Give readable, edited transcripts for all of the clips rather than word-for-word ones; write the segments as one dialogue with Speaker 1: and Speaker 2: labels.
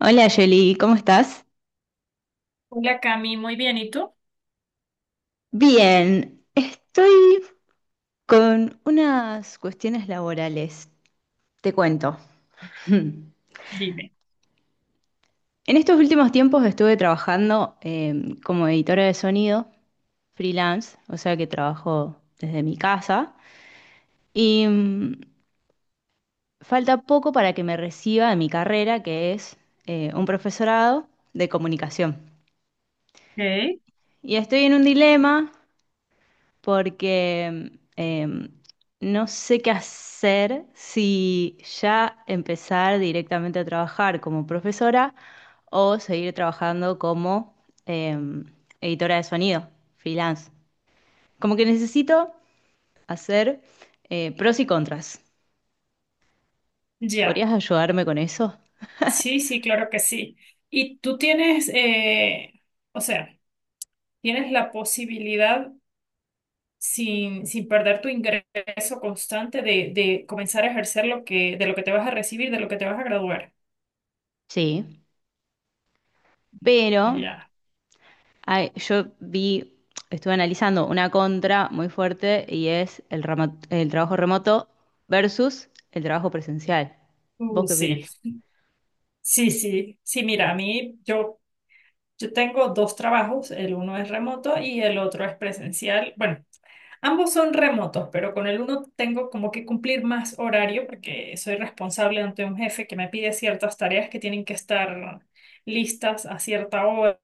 Speaker 1: Hola Yoli, ¿cómo estás?
Speaker 2: Hola Cami, muy bien. ¿Y tú?
Speaker 1: Bien, estoy con unas cuestiones laborales. Te cuento.
Speaker 2: Dime.
Speaker 1: En estos últimos tiempos estuve trabajando como editora de sonido, freelance, o sea que trabajo desde mi casa. Y falta poco para que me reciba de mi carrera, que es un profesorado de comunicación.
Speaker 2: Ok.
Speaker 1: Y estoy en un dilema porque no sé qué hacer si ya empezar directamente a trabajar como profesora o seguir trabajando como em, editora de sonido, freelance. Como que necesito hacer pros y contras.
Speaker 2: Ya,
Speaker 1: ¿Podrías ayudarme con eso?
Speaker 2: sí, sí, claro que sí. Y tú tienes, o sea, tienes la posibilidad, sin perder tu ingreso constante, de comenzar a ejercer de lo que te vas a recibir, de lo que te vas a graduar.
Speaker 1: Sí, pero...
Speaker 2: Ya.
Speaker 1: Ay, yo vi, estuve analizando una contra muy fuerte y es el trabajo remoto versus el trabajo presencial. ¿Vos qué
Speaker 2: Sí,
Speaker 1: opinas?
Speaker 2: sí, sí. Sí, mira, a mí, yo tengo dos trabajos, el uno es remoto y el otro es presencial. Bueno, ambos son remotos, pero con el uno tengo como que cumplir más horario porque soy responsable ante un jefe que me pide ciertas tareas que tienen que estar listas a cierta hora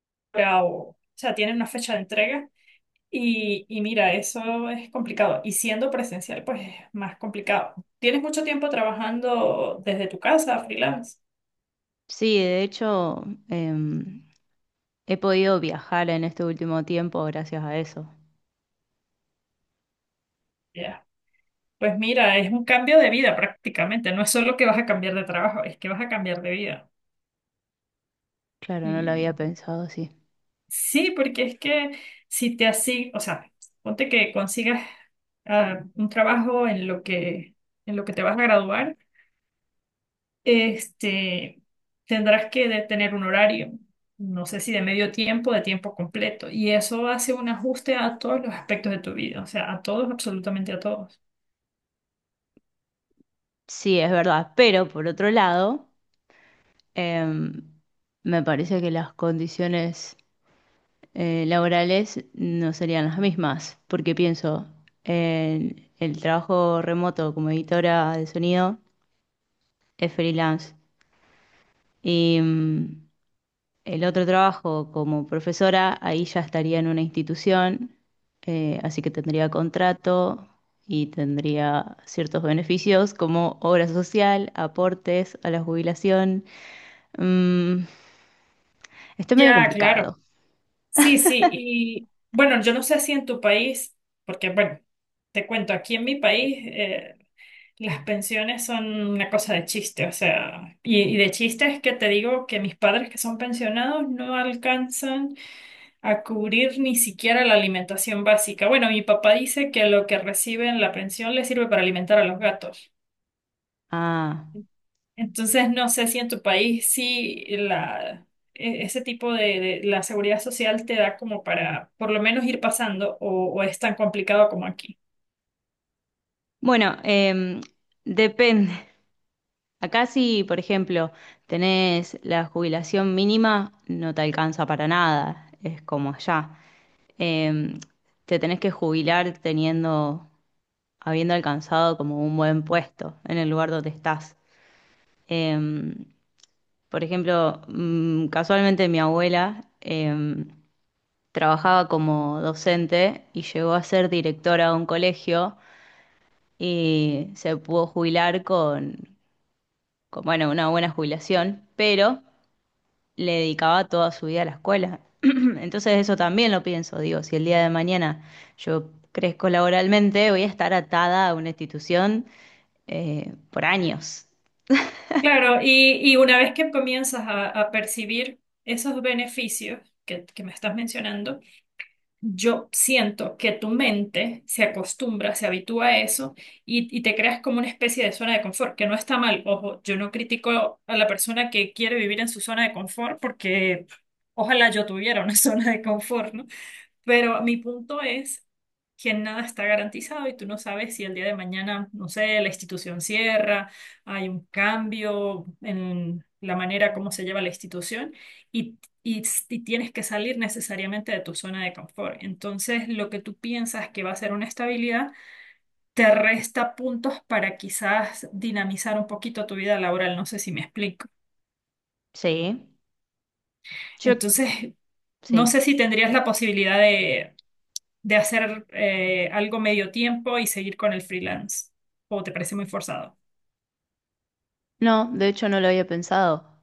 Speaker 2: o sea, tienen una fecha de entrega. Y mira, eso es complicado. Y siendo presencial, pues es más complicado. ¿Tienes mucho tiempo trabajando desde tu casa, freelance?
Speaker 1: Sí, de hecho, em, he podido viajar en este último tiempo gracias a eso.
Speaker 2: Ya. Pues mira, es un cambio de vida prácticamente. No es solo que vas a cambiar de trabajo, es que vas a cambiar de vida.
Speaker 1: Claro, no lo había pensado así.
Speaker 2: Sí, porque es que si te así, o sea, ponte que consigas un trabajo en lo que te vas a graduar, este, tendrás que tener un horario, no sé si de medio tiempo, de tiempo completo, y eso hace un ajuste a todos los aspectos de tu vida, o sea, a todos, absolutamente a todos.
Speaker 1: Sí, es verdad, pero por otro lado, em, me parece que las condiciones laborales no serían las mismas, porque pienso en el trabajo remoto como editora de sonido es freelance, y el otro trabajo como profesora, ahí ya estaría en una institución, así que tendría contrato y tendría ciertos beneficios como obra social, aportes a la jubilación. Mm, Está medio
Speaker 2: Ya, claro.
Speaker 1: complicado.
Speaker 2: Sí, sí, y bueno, yo no sé si en tu país, porque bueno, te cuento, aquí en mi país, las pensiones son una cosa de chiste, o sea, y de chiste es que te digo que mis padres que son pensionados no alcanzan a cubrir ni siquiera la alimentación básica. Bueno, mi papá dice que lo que recibe en la pensión le sirve para alimentar a los gatos.
Speaker 1: Ah,
Speaker 2: Entonces, no sé si en tu país sí ese tipo de la seguridad social te da como para por lo menos ir pasando o es tan complicado como aquí.
Speaker 1: bueno, depende. Acá si, por ejemplo, tenés la jubilación mínima, no te alcanza para nada, es como allá. Em, Te tenés que jubilar teniendo, habiendo alcanzado como un buen puesto en el lugar donde estás. Em, por ejemplo, casualmente mi abuela trabajaba como docente y llegó a ser directora de un colegio y se pudo jubilar con, bueno, una buena jubilación, pero le dedicaba toda su vida a la escuela. Entonces eso también lo pienso, digo, si el día de mañana yo crezco laboralmente, voy a estar atada a una institución por años.
Speaker 2: Claro, y una vez que comienzas a percibir esos beneficios que me estás mencionando, yo siento que tu mente se acostumbra, se habitúa a eso y te creas como una especie de zona de confort, que no está mal. Ojo, yo no critico a la persona que quiere vivir en su zona de confort porque ojalá yo tuviera una zona de confort, ¿no? Pero mi punto es que nada está garantizado y tú no sabes si el día de mañana, no sé, la institución cierra, hay un cambio en la manera como se lleva la institución y, y, y tienes que salir necesariamente de tu zona de confort. Entonces, lo que tú piensas que va a ser una estabilidad te resta puntos para quizás dinamizar un poquito tu vida laboral. No sé si me explico.
Speaker 1: Sí, yo
Speaker 2: Entonces, no
Speaker 1: sí.
Speaker 2: sé si tendrías la posibilidad de hacer algo medio tiempo y seguir con el freelance? ¿O te parece muy forzado?
Speaker 1: No, de hecho no lo había pensado.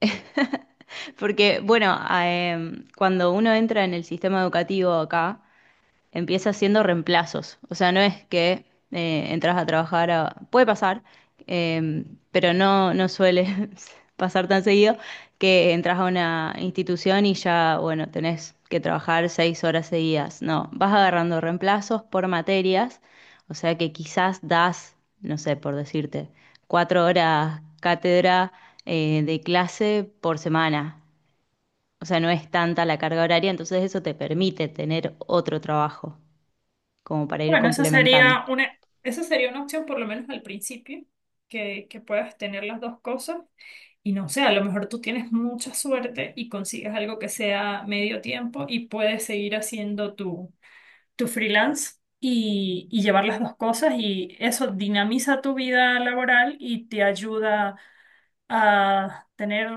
Speaker 1: Porque, bueno, cuando uno entra en el sistema educativo acá, empieza haciendo reemplazos. O sea, no es que entras a trabajar a... Puede pasar, eh, pero no, no suele pasar tan seguido que entras a una institución y ya, bueno, tenés que trabajar 6 horas seguidas. No, vas agarrando reemplazos por materias, o sea que quizás das, no sé, por decirte, 4 horas cátedra de clase por semana. O sea, no es tanta la carga horaria, entonces eso te permite tener otro trabajo como para ir
Speaker 2: Bueno, esa
Speaker 1: complementando.
Speaker 2: sería una, esa sería una opción por lo menos al principio, que puedas tener las dos cosas. Y no sé, a lo mejor tú tienes mucha suerte y consigues algo que sea medio tiempo y puedes seguir haciendo tu freelance y llevar las dos cosas y eso dinamiza tu vida laboral y te ayuda a tener,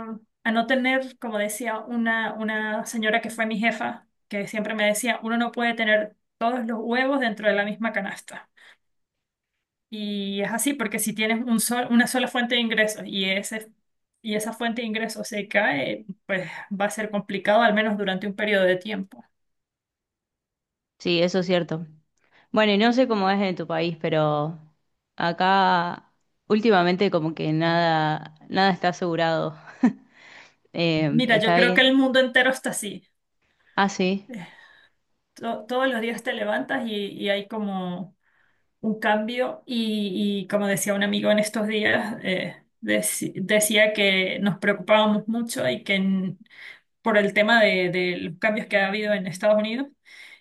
Speaker 2: a no tener, como decía una señora que fue mi jefa, que siempre me decía, uno no puede tener todos los huevos dentro de la misma canasta. Y es así, porque si tienes una sola fuente de ingresos y esa fuente de ingresos se cae, pues va a ser complicado, al menos durante un periodo de tiempo.
Speaker 1: Sí, eso es cierto. Bueno, y no sé cómo es en tu país, pero acá últimamente como que nada, nada está asegurado.
Speaker 2: Mira, yo
Speaker 1: Está
Speaker 2: creo que
Speaker 1: bien.
Speaker 2: el mundo entero está así.
Speaker 1: Ah, sí,
Speaker 2: To todos los días te levantas y hay como un cambio y como decía un amigo en estos días, decía que nos preocupábamos mucho y que por el tema de los cambios que ha habido en Estados Unidos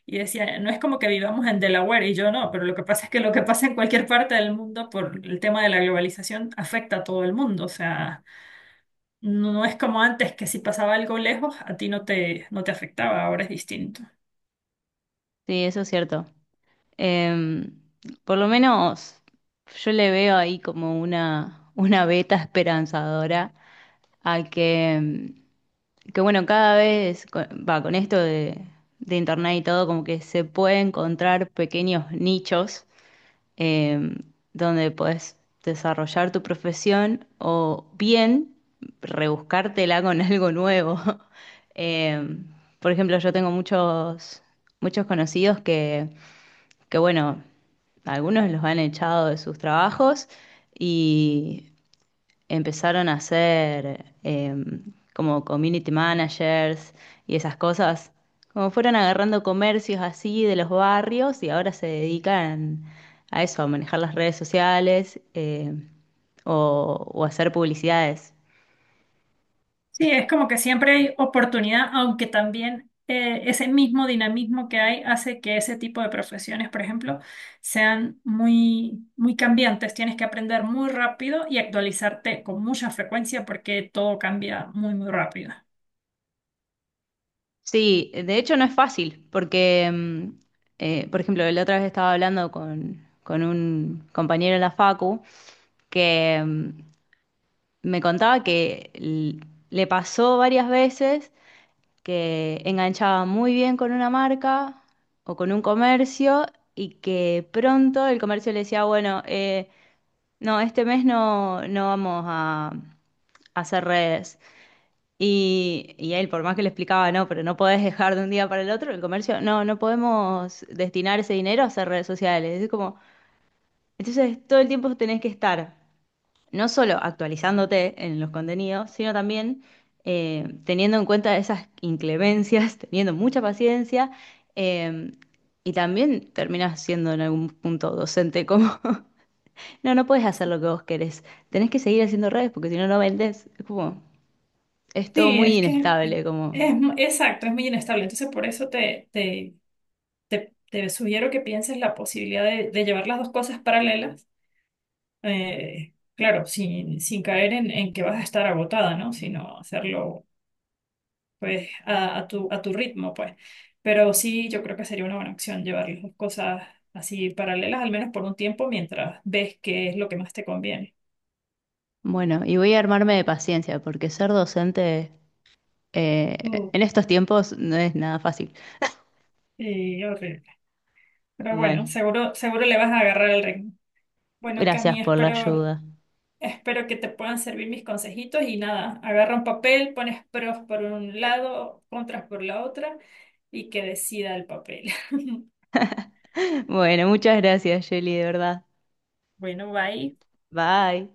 Speaker 2: y decía, no es como que vivamos en Delaware y yo no, pero lo que pasa es que lo que pasa en cualquier parte del mundo por el tema de la globalización afecta a todo el mundo, o sea, no es como antes que si pasaba algo lejos, a ti no te afectaba, ahora es distinto.
Speaker 1: sí, eso es cierto. Eh, por lo menos yo le veo ahí como una veta esperanzadora a que bueno, cada vez con, va, con esto de internet y todo, como que se puede encontrar pequeños nichos eh, donde podés desarrollar tu profesión o bien rebuscártela con algo nuevo. Eh, por ejemplo, yo tengo muchos, muchos conocidos que, bueno, algunos los han echado de sus trabajos y empezaron a hacer como community managers y esas cosas. Como fueron agarrando comercios así de los barrios y ahora se dedican a eso, a manejar las redes sociales o hacer publicidades.
Speaker 2: Sí, es como que siempre hay oportunidad, aunque también ese mismo dinamismo que hay hace que ese tipo de profesiones, por ejemplo, sean muy, muy cambiantes. Tienes que aprender muy rápido y actualizarte con mucha frecuencia porque todo cambia muy, muy rápido.
Speaker 1: Sí, de hecho no es fácil porque, por ejemplo, la otra vez estaba hablando con un compañero en la facu que me contaba que le pasó varias veces que enganchaba muy bien con una marca o con un comercio y que pronto el comercio le decía, bueno, no, este mes no, no vamos a hacer redes. Y él, por más que le explicaba, no, pero no podés dejar de un día para el otro, el comercio, no, no podemos destinar ese dinero a hacer redes sociales. Es como, entonces todo el tiempo tenés que estar no solo actualizándote en los contenidos, sino también teniendo en cuenta esas inclemencias, teniendo mucha paciencia, eh, y también terminas siendo en algún punto docente como... No, no puedes hacer lo que vos querés, tenés que seguir haciendo redes porque si no, no vendés. Es como, es todo
Speaker 2: Sí,
Speaker 1: muy
Speaker 2: es que
Speaker 1: inestable, como...
Speaker 2: exacto, es muy inestable. Entonces, por eso te sugiero que pienses la posibilidad de llevar las dos cosas paralelas. Eh, claro, sin caer en que vas a estar agotada, ¿no? Sino hacerlo pues a tu ritmo, pues. Pero sí, yo creo que sería una buena opción llevar las dos cosas así paralelas, al menos por un tiempo, mientras ves qué es lo que más te conviene.
Speaker 1: Bueno, y voy a armarme de paciencia porque ser docente
Speaker 2: Uh,
Speaker 1: en estos tiempos no es nada fácil.
Speaker 2: y horrible. Pero bueno,
Speaker 1: Bueno,
Speaker 2: seguro, seguro le vas a agarrar el ritmo. Bueno,
Speaker 1: gracias
Speaker 2: Cami,
Speaker 1: por la ayuda.
Speaker 2: espero que te puedan servir mis consejitos y nada, agarra un papel, pones pros por un lado, contras por la otra y que decida el papel.
Speaker 1: Bueno, muchas gracias, Jelly, de verdad.
Speaker 2: Bueno, bye.
Speaker 1: Bye.